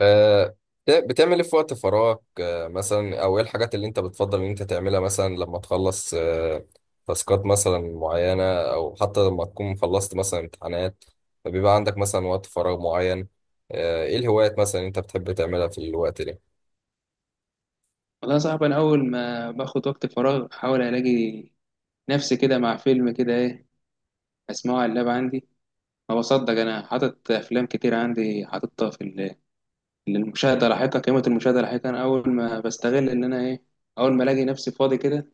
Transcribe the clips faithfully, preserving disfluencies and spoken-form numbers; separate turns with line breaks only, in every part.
آه، بت- بتعمل ايه في وقت فراغك، آه، مثلا او ايه الحاجات اللي انت بتفضل ان انت تعملها مثلا لما تخلص، آه، تاسكات مثلا معينة، او حتى لما تكون خلصت مثلا امتحانات فبيبقى عندك مثلا وقت فراغ معين. آه، ايه الهوايات مثلا انت بتحب تعملها في الوقت ده؟
والله يا صاحبي، انا اول ما باخد وقت فراغ احاول الاقي نفسي كده مع فيلم، كده ايه، اسمعه على اللاب عندي. ما بصدق، انا حاطط افلام كتير عندي، حاططها في ال- للمشاهده لاحقا، قيمه المشاهده لاحقا. انا اول ما بستغل ان انا ايه، اول ما الاقي نفسي فاضي كده،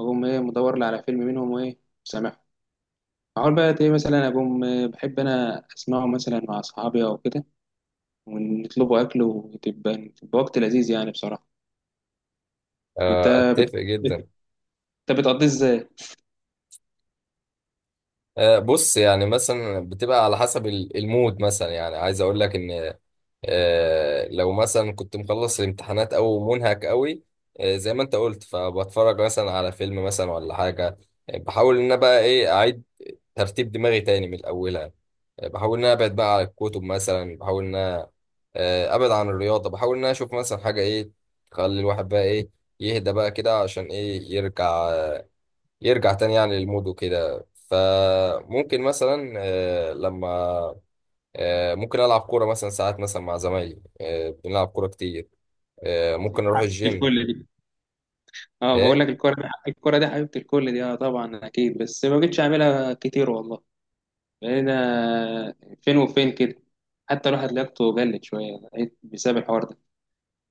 اقوم ايه، مدور لي على فيلم منهم، وايه، سامعه. اقول بقى ايه، مثلا اقوم آه، بحب انا اسمعه مثلا مع اصحابي او كده، ونطلبوا اكل، وتبقى تبقى وقت لذيذ يعني بصراحه. انت
آه،
بت...
اتفق
بت...
جدا.
انت بتقضيه ازاي؟
آه، بص، يعني مثلا بتبقى على حسب ال- المود، مثلا يعني عايز اقول لك ان، آه، لو مثلا كنت مخلص الامتحانات او منهك قوي، آه، زي ما انت قلت فبتفرج مثلا على فيلم مثلا ولا حاجه. آه، بحاول ان انا بقى ايه اعيد ترتيب دماغي تاني من الاولها. آه، بحاول ان انا ابعد بقى على الكتب مثلا، بحاول ان انا، آه، ابعد عن الرياضه، بحاول ان انا اشوف مثلا حاجه ايه تخلي الواحد بقى ايه يهدى بقى كده عشان ايه يرجع يرجع تاني يعني للمود وكده، فممكن مثلا، آه، لما آه، ممكن ألعب كورة مثلا ساعات مثلا مع زمايلي. آه، بنلعب كورة كتير. آه، ممكن أروح
في
الجيم.
الكل. اه، بقول
إيه.
لك الكرة دي، الكرة دي حبيبة الكل دي. اه طبعا اكيد، بس ما بقتش اعملها كتير والله. بقينا فين وفين كده. حتى الواحد لياقته قلت شوية، بقيت بسبب الحوار ده.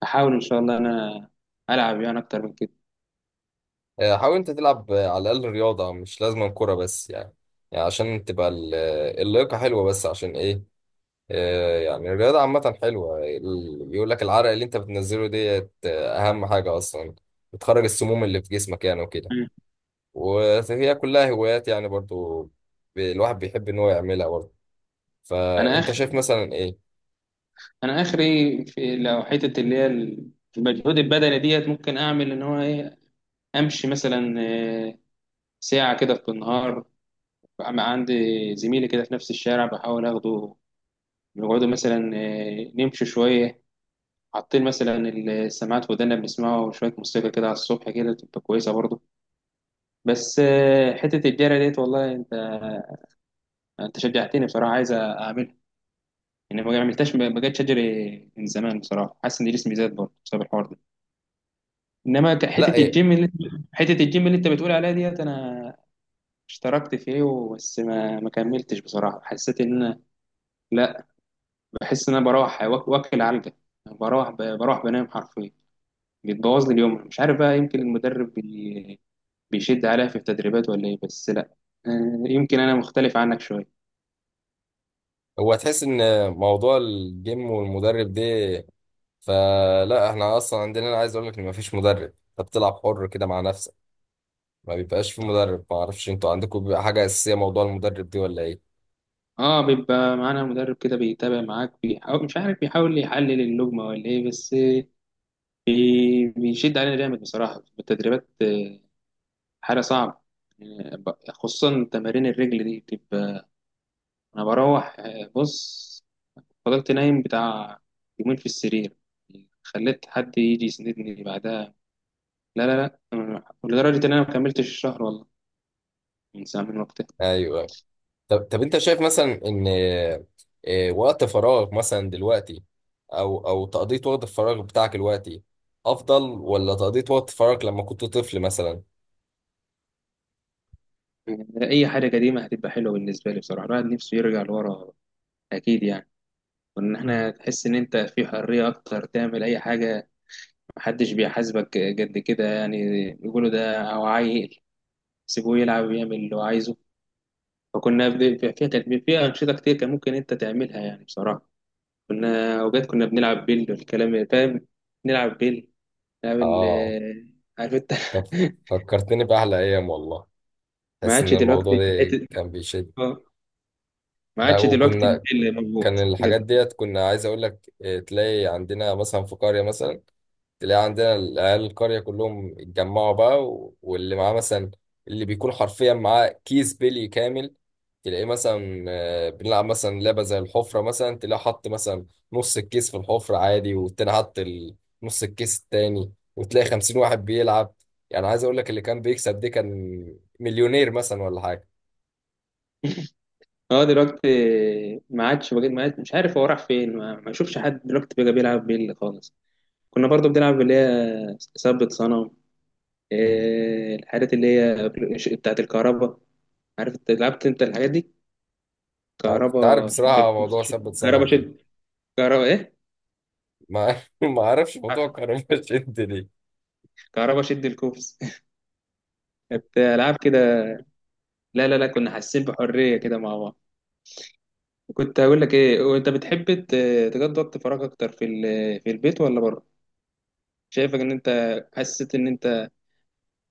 احاول ان شاء الله انا العب يعني اكتر من كده.
آه، حاول أنت تلعب، آه، على الأقل رياضة، مش لازم كورة بس، يعني يعني عشان تبقى ال- آه، اللياقة حلوة، بس عشان إيه؟ آه، يعني الرياضة عامة حلوة، ال- يقول لك العرق اللي أنت بتنزله ديت، آه، أهم حاجة أصلا بتخرج السموم اللي في جسمك يعني وكده.
مم.
وهي كلها هوايات يعني برضو. ب- الواحد بيحب إن هو يعملها برضو.
انا
فأنت
اخر،
شايف مثلا إيه؟
انا اخري في، لو حتة اللي هي المجهود البدني ديت، ممكن اعمل ان هو ايه، امشي مثلا. آه، ساعة كده في النهار، عندي زميلي كده في نفس الشارع، بحاول اخده نقعدوا مثلا آه، نمشي شوية، حاطين مثلا السماعات في ودانا، بنسمعه وشوية موسيقى كده على الصبح، كده تبقى كويسة برضه. بس آه، حتة الجري ديت، والله انت انت شجعتني بصراحة، عايز اعملها يعني. ما عملتهاش، ما ما جاتش اجري من زمان بصراحة. حاسس ان جسمي زاد برضه بسبب الحوار ده. انما ك-
لا،
حتة
إيه،
الجيم اللي، حتة الجيم اللي انت بتقول عليها ديت، انا اشتركت فيه و- بس ما ما كملتش بصراحة. حسيت ان انا لا، بحس ان انا بروح واك- واكل علقة. بروح ب- بروح بنام حرفيا، بيتبوظ لي اليوم. مش عارف بقى، يمكن المدرب بيشد عليها في التدريبات ولا إيه، بس لأ. آه، يمكن أنا مختلف عنك شوية.
هو تحس ان موضوع الجيم والمدرب ده، فلا احنا اصلا عندنا، انا عايز اقول لك ان مفيش مدرب، انت بتلعب حر كده مع نفسك، ما بيبقاش في مدرب. ما اعرفش انتوا عندكم بيبقى حاجه اساسيه موضوع المدرب دي ولا ايه؟
اه، بيبقى معانا مدرب كده، بيتابع معاك، بيحاول مش عارف بيحاول يحلل اللجمة ولا ايه، بس بي- بيشد علينا جامد بصراحة في التدريبات. آه، حاجة صعبة. آه، ب- خصوصا تمارين الرجل دي بتبقى، انا بروح آه، بص، فضلت نايم بتاع يومين في السرير، خليت حد يجي يسندني بعدها. لا لا لا آه، لدرجة ان انا ما كملتش الشهر والله، من ساعة، من وقتها.
ايوه. طب طب انت شايف مثلا ان، آه، وقت فراغ مثلا دلوقتي، او او تقضيه وقت الفراغ بتاعك دلوقتي افضل، ولا تقضيه وقت فراغك لما كنت طفل مثلا؟
يعني اي حاجه قديمه هتبقى حلوه بالنسبه لي بصراحه. الواحد نفسه يرجع لورا اكيد يعني. وان احنا تحس ان انت في حريه اكتر، تعمل اي حاجه، محدش بيحاسبك قد كده يعني. يقولوا ده او عيل، سيبوه يلعب ويعمل اللي هو عايزه. فكنا بن- فيها كانت فيها انشطه كتير كان ممكن انت تعملها يعني بصراحه. كنا اوقات كنا بنلعب بيل والكلام، فاهم، نلعب بيل، نلعب
اه.
ال- عارف انت.
طب، فكرتني باحلى ايام والله.
ما
تحس
عادش
ان الموضوع
دلوقتي
ده
حته،
كان بيشد؟
آه، ما
لا،
عادش دلوقتي
وكنا
البيل
كان
موجود.
الحاجات ديت كنا، عايز اقول لك إيه، تلاقي عندنا مثلا في قرية مثلا، تلاقي عندنا العيال القرية كلهم اتجمعوا بقى و- واللي معاه مثلا، اللي بيكون حرفيا معاه كيس بيلي كامل. تلاقيه مثلا، آه، بنلعب مثلا لعبة زي الحفرة مثلا، تلاقيه حط مثلا نص الكيس في الحفرة عادي، والتاني حط ال- نص الكيس التاني، وتلاقي خمسين واحد بيلعب. يعني عايز اقول لك اللي كان بيكسب دي كان مليونير مثلا ولا حاجة.
اه دلوقتي ما عادش، بقيت ما عادش مش عارف هو راح فين، ما ما اشوفش حد دلوقتي بقى بيلعب بيلي خالص. كنا برضو بنلعب اللي هي ثبت صنم، إيه الحاجات اللي هي بتاعت الكهرباء، عارف انت لعبت انت الحاجات دي؟
أنا كنت عارف
كهرباء شد
بصراحة
الكوبس
موضوع ثبت
شد، كهرباء
صنم ده.
شد، كهرباء ايه،
ما ما اعرفش موضوع كهرباء شد ليه.
كهرباء شد الكوبس. كانت العاب كده. لا لا لا كنا حاسين بحريه كده مع بعض. كنت هقول لك ايه، وانت بتحب ت- تقضي وقت فراغ اكتر في ال- في البيت ولا بره؟ شايفك ان انت، حسيت ان انت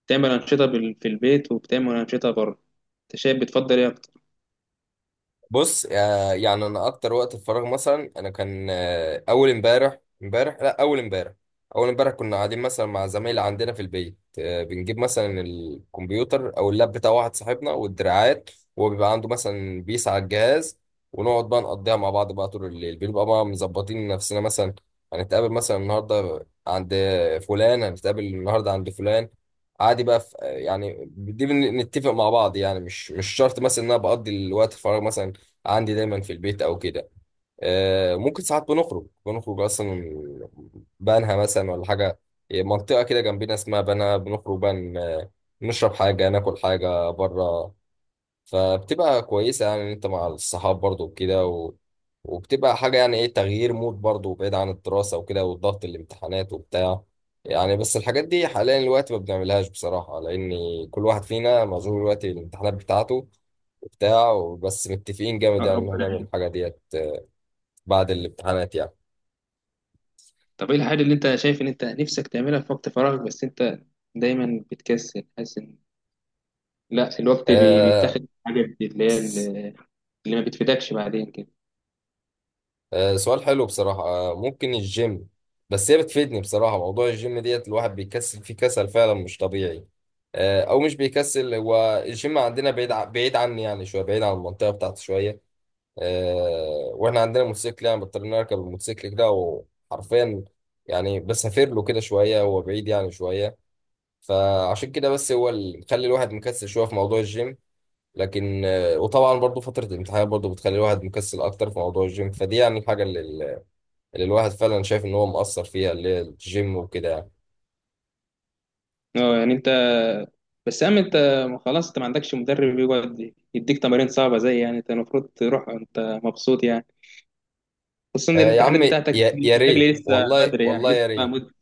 بتعمل أنشطة بال- في البيت وبتعمل أنشطة بره. أنت شايف بتفضل إيه أكتر؟
بص، آه، يعني انا اكتر وقت الفراغ مثلا انا كان، آه، اول امبارح امبارح لا اول امبارح اول امبارح كنا قاعدين مثلا مع زمايل عندنا في البيت، آه، بنجيب مثلا الكمبيوتر او اللاب بتاع واحد صاحبنا والدراعات، وهو بيبقى عنده مثلا بيس على الجهاز، ونقعد بقى نقضيها مع بعض بقى طول الليل، بنبقى بقى مظبطين نفسنا مثلا هنتقابل مثلا النهارده عند فلان، هنتقابل النهارده عند فلان. عادي بقى في يعني دي بن- نتفق مع بعض، يعني مش مش شرط مثلا ان انا بقضي الوقت الفراغ مثلا عندي دايما في البيت او كده. آه، ممكن ساعات بنخرج بنخرج اصلا بنها مثلا ولا حاجه، منطقه كده جنبنا اسمها بنها، بنخرج بقى ن- نشرب حاجه ناكل حاجه بره. فبتبقى كويسة يعني إن أنت مع الصحاب برضو وكده. و... وبتبقى حاجة يعني إيه، تغيير مود برضو بعيد عن الدراسة وكده والضغط الامتحانات وبتاع. يعني بس الحاجات دي حاليا الوقت ما بنعملهاش بصراحة، لأن كل واحد فينا مشغول دلوقتي الامتحانات بتاعته وبتاع. بس متفقين جامد
آه،
يعني إن إحنا
ربنا
هنعمل
يعينك.
الحاجة ديت بعد الامتحانات يعني.
طب إيه الحاجة اللي أنت شايف إن أنت نفسك تعملها في وقت فراغك، بس أنت دايما بتكسل، حاسس إن لا، الوقت بي-
آه
بيتاخد في حاجة اللي هي اللي اللي ما بتفيدكش بعدين كده.
آه، سؤال حلو بصراحة. آه، ممكن الجيم. بس هي بتفيدني بصراحة، موضوع الجيم ديت الواحد بيكسل فيه كسل فعلا مش طبيعي. آه، أو مش بيكسل، هو الجيم عندنا بعيد ع- بعيد عني يعني شوية، بعيد عن المنطقة بتاعتي شوية. آه، وإحنا عندنا موتوسيكل يعني، بضطر نركب الموتوسيكل كده وحرفيا يعني بسافر له كده شوية، هو بعيد يعني شوية، فعشان كده بس هو اللي مخلي الواحد مكسل شوية في موضوع الجيم. لكن، آه، وطبعا برضو فترة الامتحانات برضو بتخلي الواحد مكسل أكتر في موضوع الجيم، فدي يعني الحاجة اللي اللي الواحد فعلا شايف ان هو مقصر فيها، اللي هي الجيم وكده يعني.
أه يعني أنت، بس أما أنت، خلاص أنت ما عندكش مدرب يقعد يديك تمارين صعبة زي، يعني أنت المفروض تروح أنت مبسوط يعني، خصوصا إن
آه يا
الامتحانات
عم،
بتاعتك
يا يا ريت
بتجري لسه
والله،
بدري، يعني
والله
لسه
يا
بقى
ريت.
مدة.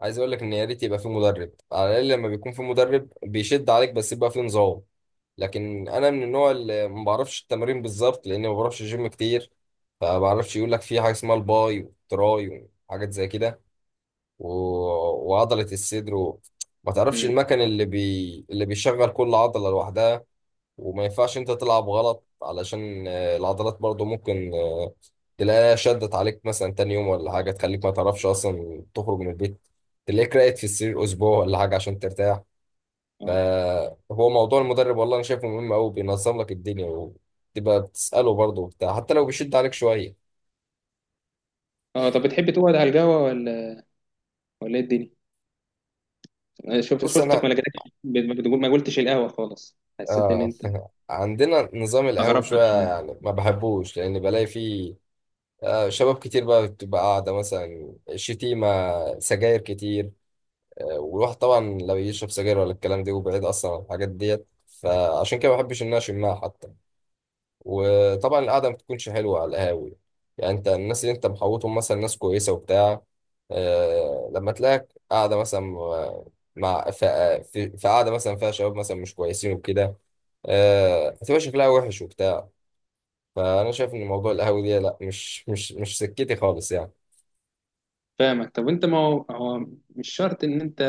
عايز اقول لك ان يا ريت يبقى في مدرب، على الاقل لما بيكون في مدرب بيشد عليك بس يبقى في نظام. لكن انا من النوع اللي ما بعرفش التمارين بالظبط، لاني ما بعرفش جيم كتير، فما بعرفش. يقول لك في حاجه اسمها الباي والتراي وحاجات زي كده، و... وعضله الصدر، و... ما تعرفش
مم.
المكان اللي بي... اللي بيشغل كل عضله لوحدها. وما ينفعش انت تلعب غلط علشان، آه، العضلات برضو ممكن، آه، تلاقيها شدت عليك مثلا تاني يوم ولا حاجة، تخليك ما تعرفش أصلا تخرج من البيت، تلاقيك راقد في السرير أسبوع ولا حاجة عشان ترتاح.
أه.
فهو موضوع المدرب والله أنا شايفه مهم أوي، بينظم لك الدنيا وتبقى بتسأله برضو وبتاع حتى لو بيشد عليك شوية.
أه طب، بتحب تقعد على القهوة ولا ولا إيه الدنيا؟ شفت،
بص أنا
شفتك ما لقيتكش ما تقول- ما قلتش القهوة خالص، حسيت ان
آه
انت
عندنا نظام القهوة
استغربت
شوية
شويه.
يعني ما بحبوش، لأن بلاقي فيه، آه، شباب كتير بقى بتبقى قاعدة مثلا، شتيمة، سجاير كتير. آه، والواحد طبعا لا بيشرب سجاير ولا الكلام ده، وبعيد اصلا عن الحاجات ديت، فعشان كده ما بحبش ان انا اشمها حتى. وطبعا القعده ما بتكونش حلوه على القهاوي. يعني انت الناس اللي انت محوطهم مثلا ناس كويسه وبتاع، آه لما تلاقيك قاعده مثلا مع ف- في في قعده مثلا فيها شباب مثلا مش كويسين وكده، آه هتبقى شكلها وحش وبتاع. فانا شايف ان موضوع القهاوي دي لا مش مش مش سكتي خالص يعني.
فاهمك. طب انت، ما هو هو مش شرط ان انت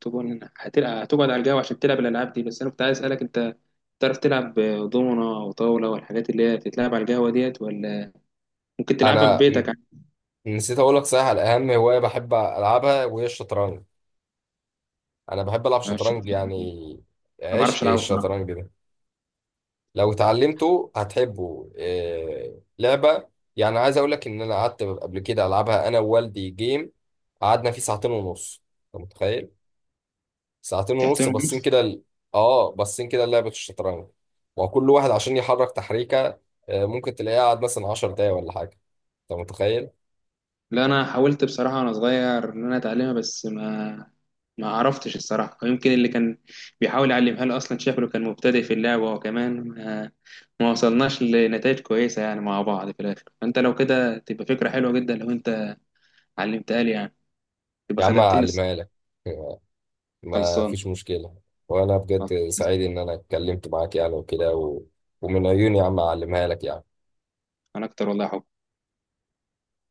تكون هتل- هتقعد على القهوة عشان تلعب الالعاب دي، بس انا كنت عايز اسالك، انت تعرف تلعب دومنة وطاولة والحاجات اللي هي بتتلعب على القهوة ديت، ولا ممكن تلعبها في
انا
بيتك
م-
عادي؟
نسيت اقول لك صحيح على اهم هوايه بحب العبها وهي الشطرنج. انا بحب العب
أنا مش شرط.
شطرنج
أنا
يعني.
ما بعرفش
عشق
العبها
الشطرنج ده، لو اتعلمته هتحبه. إيه لعبة! يعني عايز اقول لك ان انا قعدت قبل كده العبها انا ووالدي جيم، قعدنا فيه ساعتين ونص. انت متخيل؟ ساعتين
بصراحة.
ونص باصين كده ال- اه باصين كده لعبة الشطرنج، وكل واحد عشان يحرك تحريكة، آه، ممكن تلاقيه قعد مثلا عشر دقايق ولا حاجة. انت متخيل؟
لا انا حاولت بصراحه وانا صغير ان انا اتعلمها، بس ما ما عرفتش الصراحه، ويمكن اللي كان بيحاول يعلمها لي اصلا شكله كان مبتدئ في اللعبه، وكمان ما، ما وصلناش لنتائج كويسه يعني مع بعض في الاخر. فانت لو كده تبقى فكره حلوه جدا لو انت علمتها لي يعني، تبقى
يا عم
خدمتني الصراحة.
اعلمها لك. ما
خلصان.
فيش مشكلة. وأنا
خلاص.
بجد سعيد إن أنا اتكلمت معاك يعني وكده، و... ومن عيوني يا عم أعلمها لك يعني.
انا اكتر والله يا حب.